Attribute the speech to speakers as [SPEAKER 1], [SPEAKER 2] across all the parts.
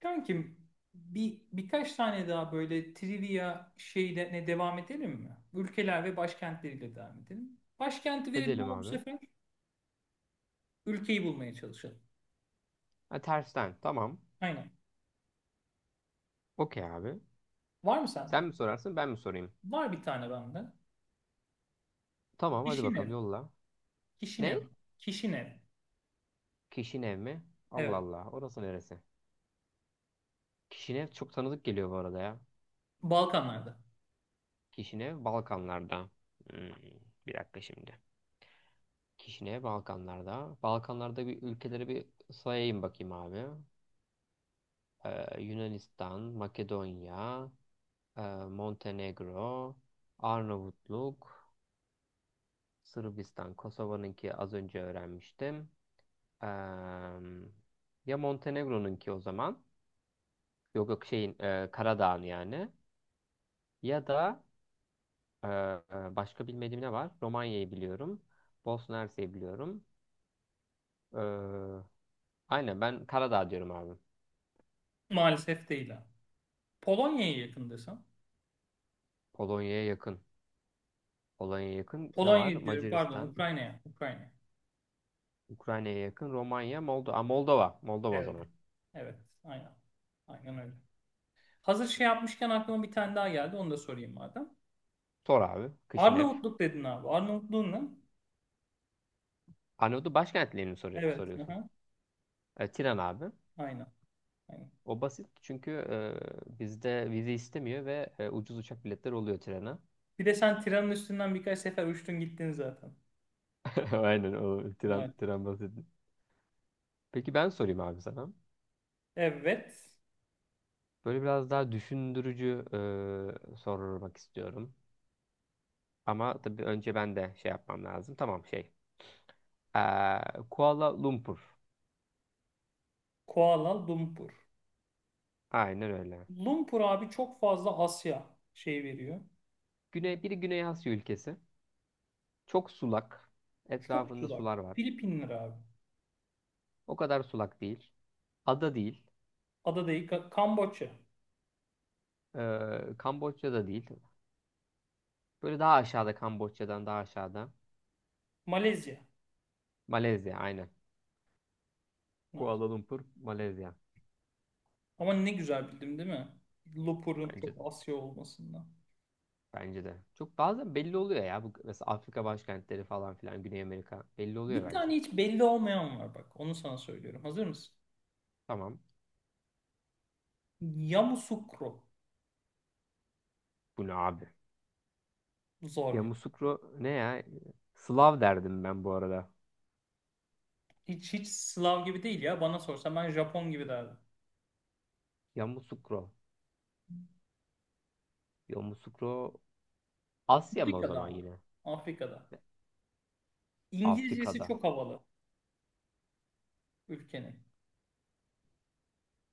[SPEAKER 1] Kankim birkaç tane daha böyle trivia şeyle ne devam edelim mi? Ülkeler ve başkentleriyle devam edelim. Başkenti verelim
[SPEAKER 2] Edelim
[SPEAKER 1] ama bu
[SPEAKER 2] abi.
[SPEAKER 1] sefer ülkeyi bulmaya çalışalım.
[SPEAKER 2] Ha, tersten. Tamam.
[SPEAKER 1] Aynen.
[SPEAKER 2] Okey abi.
[SPEAKER 1] Var mı
[SPEAKER 2] Sen
[SPEAKER 1] sende?
[SPEAKER 2] mi sorarsın ben mi sorayım?
[SPEAKER 1] Var bir tane bende.
[SPEAKER 2] Tamam hadi
[SPEAKER 1] Kişinev.
[SPEAKER 2] bakalım yolla.
[SPEAKER 1] Kişinev.
[SPEAKER 2] Ne?
[SPEAKER 1] Kişinev.
[SPEAKER 2] Kişinev mi? Allah
[SPEAKER 1] Evet.
[SPEAKER 2] Allah. Orası neresi? Kişinev çok tanıdık geliyor bu arada ya.
[SPEAKER 1] Balkanlarda.
[SPEAKER 2] Kişinev Balkanlarda. Hmm, bir dakika şimdi. Kişinev Balkanlarda. Balkanlarda bir ülkeleri bir sayayım bakayım abi. Yunanistan, Makedonya, e, Montenegro, Arnavutluk, Sırbistan, Kosova'nınki az önce öğrenmiştim. Em, ya Montenegro'nunki o zaman. Yok yok şeyin Karadağ'ın yani. Ya da başka bilmediğim ne var? Romanya'yı biliyorum. Bosna Hersek'i biliyorum. E, aynen ben Karadağ diyorum abi.
[SPEAKER 1] Maalesef değil ha. Polonya'ya yakın desem.
[SPEAKER 2] Polonya'ya yakın. Polonya'ya yakın ne var?
[SPEAKER 1] Polonya diyorum, pardon,
[SPEAKER 2] Macaristan.
[SPEAKER 1] Ukrayna'ya. Ukrayna.
[SPEAKER 2] Ukrayna'ya yakın. Romanya, Moldova. Aa, Moldova. Moldova o
[SPEAKER 1] Evet.
[SPEAKER 2] zaman.
[SPEAKER 1] Evet. Aynen. Aynen öyle. Hazır şey yapmışken aklıma bir tane daha geldi. Onu da sorayım madem.
[SPEAKER 2] Sor abi. Kışinev.
[SPEAKER 1] Arnavutluk dedin abi. Arnavutluğun ne?
[SPEAKER 2] Arnavutlu başkentlerini mi soru-
[SPEAKER 1] Evet.
[SPEAKER 2] soruyorsun.
[SPEAKER 1] Aha.
[SPEAKER 2] Tiran abi.
[SPEAKER 1] Aynen. Aynen.
[SPEAKER 2] O basit çünkü bizde vize istemiyor ve ucuz uçak biletleri oluyor trene.
[SPEAKER 1] Bir de sen tiranın üstünden birkaç sefer uçtun gittin zaten.
[SPEAKER 2] Aynen o
[SPEAKER 1] Evet.
[SPEAKER 2] tren basit. Peki ben sorayım abi sana.
[SPEAKER 1] Evet.
[SPEAKER 2] Böyle biraz daha düşündürücü sormak istiyorum. Ama tabii önce ben de şey yapmam lazım. Tamam şey. Eee, Kuala Lumpur.
[SPEAKER 1] Kuala Lumpur.
[SPEAKER 2] Aynen öyle.
[SPEAKER 1] Lumpur abi çok fazla Asya şey veriyor.
[SPEAKER 2] Biri Güney Asya ülkesi. Çok sulak.
[SPEAKER 1] Çok
[SPEAKER 2] Etrafında
[SPEAKER 1] uzak.
[SPEAKER 2] sular var.
[SPEAKER 1] Filipinler abi.
[SPEAKER 2] O kadar sulak değil. Ada değil.
[SPEAKER 1] Ada değil. Kamboçya.
[SPEAKER 2] Kamboçya'da değil. Böyle daha aşağıda Kamboçya'dan daha aşağıda.
[SPEAKER 1] Malezya.
[SPEAKER 2] Malezya aynen. Kuala
[SPEAKER 1] Bunlar.
[SPEAKER 2] Lumpur, Malezya.
[SPEAKER 1] Ama ne güzel bildim değil mi? Lumpur'un
[SPEAKER 2] Bence
[SPEAKER 1] çok
[SPEAKER 2] de.
[SPEAKER 1] Asya olmasından.
[SPEAKER 2] Bence de. Çok bazen belli oluyor ya. Bu, mesela Afrika başkentleri falan filan Güney Amerika belli oluyor
[SPEAKER 1] Bir
[SPEAKER 2] bence.
[SPEAKER 1] tane hiç belli olmayan var bak. Onu sana söylüyorum. Hazır mısın?
[SPEAKER 2] Tamam.
[SPEAKER 1] Yamoussoukro.
[SPEAKER 2] Bu ne abi?
[SPEAKER 1] Zor ya.
[SPEAKER 2] Yamoussoukro ne ya? Slav derdim ben bu arada.
[SPEAKER 1] Hiç Slav gibi değil ya. Bana sorsan ben Japon gibi derdim.
[SPEAKER 2] Yamoussoukro. Yamoussoukro Asya mı o
[SPEAKER 1] Afrika'da
[SPEAKER 2] zaman
[SPEAKER 1] ama.
[SPEAKER 2] yine?
[SPEAKER 1] Afrika'da. İngilizcesi
[SPEAKER 2] Afrika'da.
[SPEAKER 1] çok havalı ülkenin.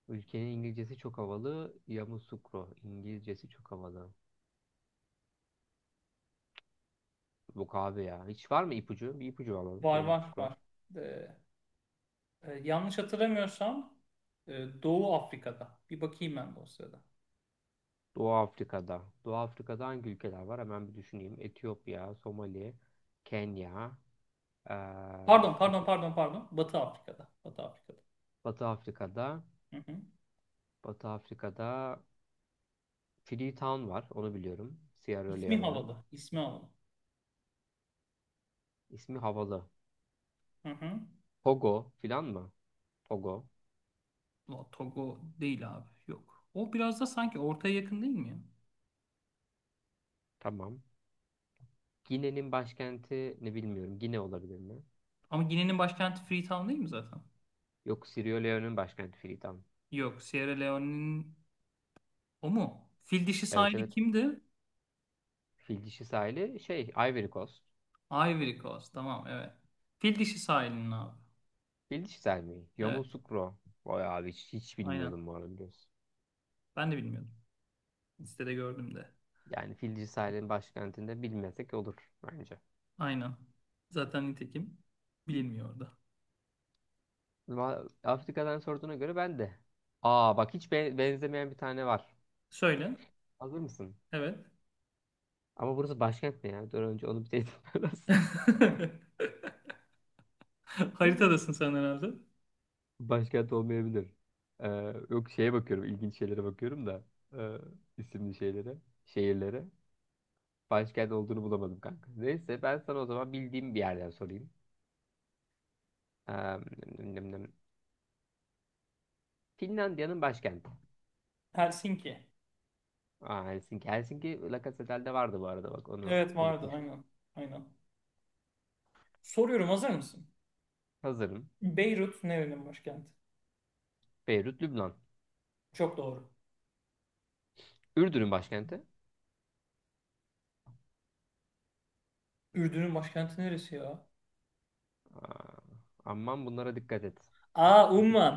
[SPEAKER 2] Ülkenin İngilizcesi çok havalı. Yamoussoukro. İngilizcesi çok havalı. Yok abi ya. Hiç var mı ipucu? Bir ipucu alalım.
[SPEAKER 1] Var var
[SPEAKER 2] Yamoussoukro.
[SPEAKER 1] var. Ee, yanlış hatırlamıyorsam Doğu Afrika'da. Bir bakayım ben de o sırada.
[SPEAKER 2] Doğu Afrika'da. Doğu Afrika'da hangi ülkeler var? Hemen bir düşüneyim. Etiyopya, Somali, Kenya, eee
[SPEAKER 1] Pardon pardon
[SPEAKER 2] Cibu-
[SPEAKER 1] pardon pardon. Batı Afrika'da. Batı Afrika'da.
[SPEAKER 2] Batı Afrika'da,
[SPEAKER 1] Hı hı.
[SPEAKER 2] Batı Afrika'da Freetown var. Onu biliyorum. Sierra
[SPEAKER 1] İsmi
[SPEAKER 2] Leone'un.
[SPEAKER 1] havalı. İsmi havalı.
[SPEAKER 2] İsmi havalı.
[SPEAKER 1] Hı hı.
[SPEAKER 2] Togo filan mı? Togo.
[SPEAKER 1] O Togo değil abi. Yok. O biraz da sanki ortaya yakın değil mi ya?
[SPEAKER 2] Tamam. Gine'nin başkenti ne bilmiyorum. Gine olabilir mi?
[SPEAKER 1] Ama Gine'nin başkenti Freetown değil mi zaten?
[SPEAKER 2] Yok, Sierra Leone'un başkenti Freetown.
[SPEAKER 1] Yok. Sierra Leone'nin. O mu? Fil dişi
[SPEAKER 2] Evet
[SPEAKER 1] sahili
[SPEAKER 2] evet.
[SPEAKER 1] kimdi?
[SPEAKER 2] Fil dişi sahili şey Ivory Coast.
[SPEAKER 1] Ivory Coast. Tamam, evet. Fil dişi sahilinin abi.
[SPEAKER 2] Fil dişi sahili mi?
[SPEAKER 1] Evet,
[SPEAKER 2] Yamoussoukro. Vay abi hiç
[SPEAKER 1] aynen.
[SPEAKER 2] bilmiyordum bu arada.
[SPEAKER 1] Ben de bilmiyordum. Listede gördüm de.
[SPEAKER 2] Yani Fil Cesareti'nin başkentinde bilmesek olur bence.
[SPEAKER 1] Aynen. Zaten nitekim bilinmiyordu.
[SPEAKER 2] Afrika'dan sorduğuna göre ben de. Aa bak hiç benzemeyen bir tane var.
[SPEAKER 1] Söyle.
[SPEAKER 2] Hazır mısın?
[SPEAKER 1] Evet.
[SPEAKER 2] Ama burası başkent ne ya? Dur önce onu bir teyit lazım.
[SPEAKER 1] Haritadasın sen herhalde.
[SPEAKER 2] Başkent olmayabilir. Ee, yok şeye bakıyorum. İlginç şeylere bakıyorum da. E, isimli şeylere. Şehirlere. Başkent olduğunu bulamadım kanka. Neyse ben sana o zaman bildiğim bir yerden sorayım. Nem- nem- nem. Finlandiya'nın başkenti.
[SPEAKER 1] Helsinki.
[SPEAKER 2] Aa, Helsinki. Helsinki La Casettel'de vardı bu arada bak onu
[SPEAKER 1] Evet vardı
[SPEAKER 2] unutmuşuz.
[SPEAKER 1] aynen. Aynen. Soruyorum, hazır mısın?
[SPEAKER 2] Hazırım.
[SPEAKER 1] Beyrut nerenin başkenti?
[SPEAKER 2] Beyrut, Lübnan.
[SPEAKER 1] Çok doğru.
[SPEAKER 2] Ürdün'ün başkenti.
[SPEAKER 1] Ürdün'ün başkenti neresi ya?
[SPEAKER 2] Aa, aman bunlara dikkat et.
[SPEAKER 1] Aa,
[SPEAKER 2] İpucu.
[SPEAKER 1] Umman.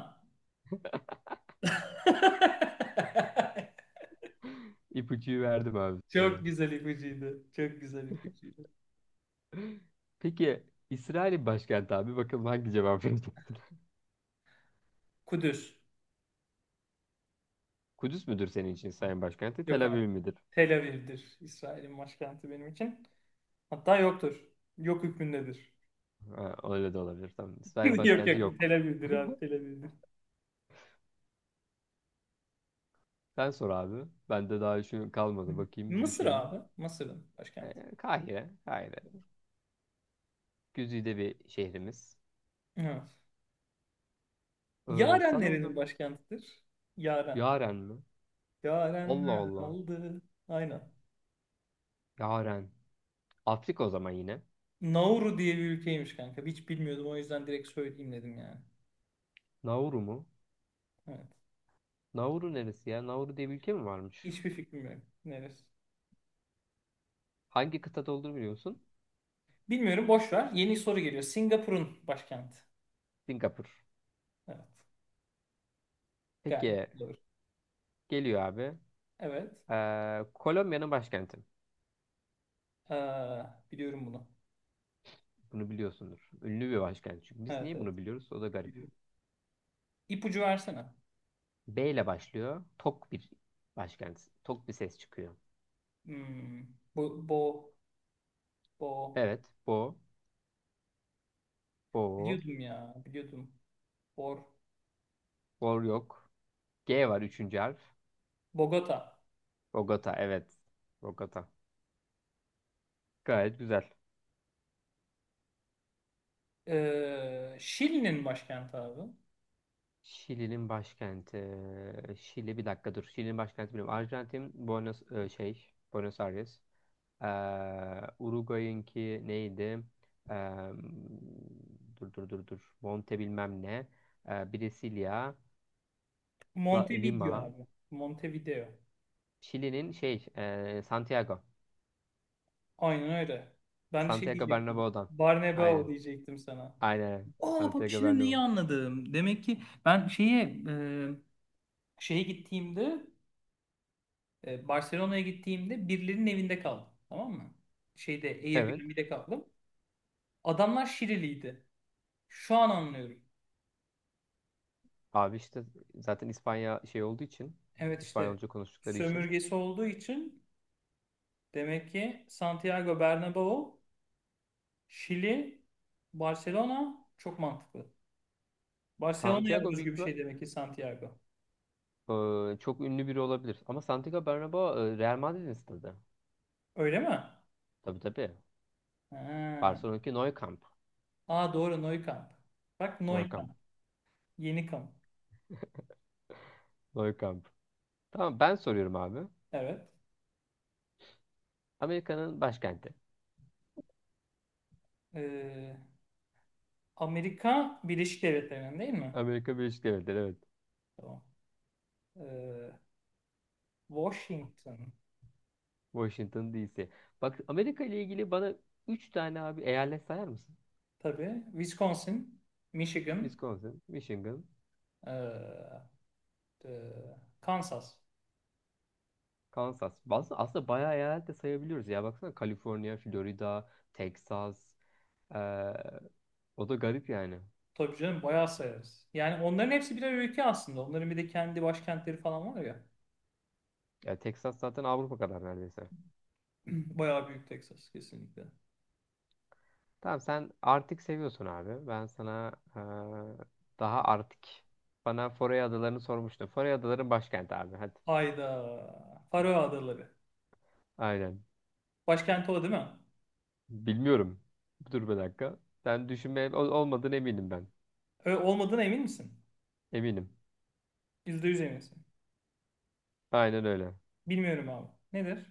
[SPEAKER 2] İpucuyu verdim abi
[SPEAKER 1] Çok
[SPEAKER 2] sana.
[SPEAKER 1] güzel ipucuydu. Çok güzel ipucuydu.
[SPEAKER 2] Peki İsrail'in başkenti abi bakalım hangi cevap vereceksin?
[SPEAKER 1] Kudüs.
[SPEAKER 2] Kudüs müdür senin için İsrail'in başkenti?
[SPEAKER 1] Yok
[SPEAKER 2] Tel
[SPEAKER 1] abi.
[SPEAKER 2] Aviv midir?
[SPEAKER 1] Tel Aviv'dir. İsrail'in başkenti benim için. Hatta yoktur. Yok hükmündedir.
[SPEAKER 2] Ha, öyle de olabilir tamam. İsrail'in
[SPEAKER 1] Yok,
[SPEAKER 2] başkenti
[SPEAKER 1] yok. Tel
[SPEAKER 2] yok.
[SPEAKER 1] Aviv'dir abi. Tel Aviv'dir.
[SPEAKER 2] Sen sor abi. Bende daha şu kalmadı. Bakayım,
[SPEAKER 1] Mısır
[SPEAKER 2] düşüneyim.
[SPEAKER 1] abi. Mısır'ın başkenti.
[SPEAKER 2] Kahire. Kahire. Güzide bir şehrimiz.
[SPEAKER 1] Evet. Yaren
[SPEAKER 2] Sana o
[SPEAKER 1] nerenin
[SPEAKER 2] zaman.
[SPEAKER 1] başkentidir? Yaren.
[SPEAKER 2] Yaren mi? Allah
[SPEAKER 1] Yarenler
[SPEAKER 2] Allah.
[SPEAKER 1] kaldı. Aynen.
[SPEAKER 2] Yaren. Afrika o zaman yine.
[SPEAKER 1] Nauru diye bir ülkeymiş kanka. Hiç bilmiyordum, o yüzden direkt söyleyeyim dedim yani.
[SPEAKER 2] Nauru mu?
[SPEAKER 1] Evet.
[SPEAKER 2] Nauru neresi ya? Nauru diye bir ülke mi varmış?
[SPEAKER 1] Hiçbir fikrim yok. Neresi?
[SPEAKER 2] Hangi kıtada olduğunu biliyor musun?
[SPEAKER 1] Bilmiyorum, boş ver. Yeni soru geliyor. Singapur'un başkenti.
[SPEAKER 2] Singapur.
[SPEAKER 1] Evet. Gayet
[SPEAKER 2] Peki.
[SPEAKER 1] doğru.
[SPEAKER 2] Geliyor abi.
[SPEAKER 1] Evet.
[SPEAKER 2] Kolombiya'nın başkenti.
[SPEAKER 1] Ee, biliyorum bunu.
[SPEAKER 2] Bunu biliyorsundur. Ünlü bir başkent. Çünkü biz
[SPEAKER 1] Evet,
[SPEAKER 2] niye
[SPEAKER 1] evet.
[SPEAKER 2] bunu biliyoruz? O da garip.
[SPEAKER 1] Biliyorum. İpucu versene.
[SPEAKER 2] B ile başlıyor. Tok bir başkent. Tok bir ses çıkıyor.
[SPEAKER 1] Hmm, bu, bo, bo.
[SPEAKER 2] Evet. Bo. Bo.
[SPEAKER 1] Biliyordum ya. Biliyordum. Bor.
[SPEAKER 2] Bor yok. G var üçüncü harf.
[SPEAKER 1] Bogota.
[SPEAKER 2] Bogota. Evet. Bogota. Gayet güzel.
[SPEAKER 1] Şili'nin başkenti abi.
[SPEAKER 2] Şili'nin başkenti. Şili bir dakika dur. Şili'nin başkenti bilmiyorum. Arjantin Buenos e, şey Buenos Aires. Ee, Uruguay'ınki neydi? Ee, dur dur dur dur. Monte bilmem ne. Brasilia,
[SPEAKER 1] Montevideo
[SPEAKER 2] Lima.
[SPEAKER 1] abi. Montevideo.
[SPEAKER 2] Şili'nin şey Santiago.
[SPEAKER 1] Aynen öyle. Ben de şey
[SPEAKER 2] Santiago
[SPEAKER 1] diyecektim.
[SPEAKER 2] Bernabéu'dan.
[SPEAKER 1] Barnebao
[SPEAKER 2] Aynen.
[SPEAKER 1] diyecektim sana.
[SPEAKER 2] Aynen.
[SPEAKER 1] Aa bak,
[SPEAKER 2] Santiago
[SPEAKER 1] şimdi neyi
[SPEAKER 2] Bernabéu.
[SPEAKER 1] anladım. Demek ki ben şeye gittiğimde Barcelona'ya gittiğimde birilerinin evinde kaldım. Tamam mı? Şeyde
[SPEAKER 2] Evet.
[SPEAKER 1] Airbnb'de kaldım. Adamlar Şiriliydi. Şu an anlıyorum.
[SPEAKER 2] Abi işte zaten İspanya şey olduğu için
[SPEAKER 1] Evet işte
[SPEAKER 2] İspanyolca konuştukları için
[SPEAKER 1] sömürgesi olduğu için demek ki Santiago Bernabéu, Şili, Barcelona çok mantıklı. Barcelona'ya
[SPEAKER 2] Santiago büyük
[SPEAKER 1] özgü bir
[SPEAKER 2] ihtimal.
[SPEAKER 1] şey demek ki Santiago.
[SPEAKER 2] Çok ünlü biri olabilir. Ama Santiago Bernabéu Real Madrid'in stadı.
[SPEAKER 1] Öyle mi?
[SPEAKER 2] Tabii tabii.
[SPEAKER 1] Ha.
[SPEAKER 2] Barcelona'daki Nou Camp.
[SPEAKER 1] Aa, doğru, Nou Camp. Bak, Nou
[SPEAKER 2] Nou Camp.
[SPEAKER 1] Camp. Yeni kamp.
[SPEAKER 2] Nou Camp. Tamam ben soruyorum abi.
[SPEAKER 1] Evet.
[SPEAKER 2] Amerika'nın başkenti.
[SPEAKER 1] Ee, Amerika Birleşik Devletleri'nin değil mi?
[SPEAKER 2] Amerika Birleşik Devletleri evet.
[SPEAKER 1] Tamam. Ee, Washington
[SPEAKER 2] Washington DC. Bak Amerika ile ilgili bana 3 tane abi eyalet sayar mısın?
[SPEAKER 1] tabii. Wisconsin, Michigan,
[SPEAKER 2] Wisconsin, Michigan,
[SPEAKER 1] ee, ee, Kansas.
[SPEAKER 2] Kansas. Aslında bayağı eyalet de sayabiliyoruz ya. Baksana Kaliforniya, Florida, Texas. Ee, o da garip yani.
[SPEAKER 1] Tabii canım, bayağı sayarız. Yani onların hepsi birer ülke aslında. Onların bir de kendi başkentleri falan var ya.
[SPEAKER 2] Ya Texas zaten Avrupa kadar neredeyse.
[SPEAKER 1] Bayağı büyük Texas, kesinlikle.
[SPEAKER 2] Tamam sen Arctic seviyorsun abi. Ben sana daha Arctic. Bana Foray Adaları'nı sormuştun. Foray Adaları'nın başkenti abi. Hadi.
[SPEAKER 1] Hayda. Faroe Adaları.
[SPEAKER 2] Aynen.
[SPEAKER 1] Başkenti o değil mi?
[SPEAKER 2] Bilmiyorum. Dur bir dakika. Sen düşünmeye olmadığını eminim ben.
[SPEAKER 1] Olmadığına emin misin?
[SPEAKER 2] Eminim.
[SPEAKER 1] %100 eminsin.
[SPEAKER 2] Aynen öyle.
[SPEAKER 1] Bilmiyorum abi. Nedir?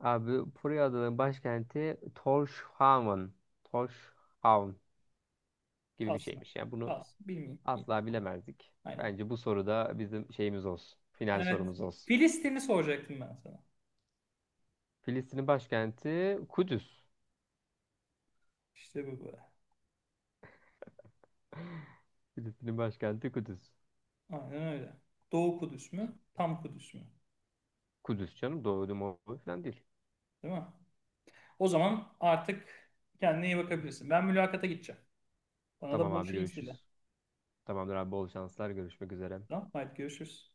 [SPEAKER 2] Abi Foray Adaları'nın başkenti Tórshavn. Tórshavn gibi bir
[SPEAKER 1] Kalsın.
[SPEAKER 2] şeymiş. Yani bunu
[SPEAKER 1] Kalsın. Bilmiyorum. Bilmiyorum.
[SPEAKER 2] asla bilemezdik.
[SPEAKER 1] Aynen.
[SPEAKER 2] Bence bu soruda bizim şeyimiz olsun. Final
[SPEAKER 1] Evet.
[SPEAKER 2] sorumuz olsun.
[SPEAKER 1] Filistin'i soracaktım ben sana.
[SPEAKER 2] Filistin'in başkenti Kudüs.
[SPEAKER 1] İşte bu böyle.
[SPEAKER 2] Filistin'in başkenti Kudüs.
[SPEAKER 1] Aynen öyle. Doğu Kudüs mü? Tam Kudüs mü?
[SPEAKER 2] Kudüs canım doğru doğru falan değil.
[SPEAKER 1] Değil mi? O zaman artık kendine iyi bakabilirsin. Ben mülakata gideceğim. Bana da
[SPEAKER 2] Tamam
[SPEAKER 1] bol
[SPEAKER 2] abi
[SPEAKER 1] şans dile.
[SPEAKER 2] görüşürüz. Tamamdır abi bol şanslar görüşmek üzere.
[SPEAKER 1] Tamam. Haydi görüşürüz.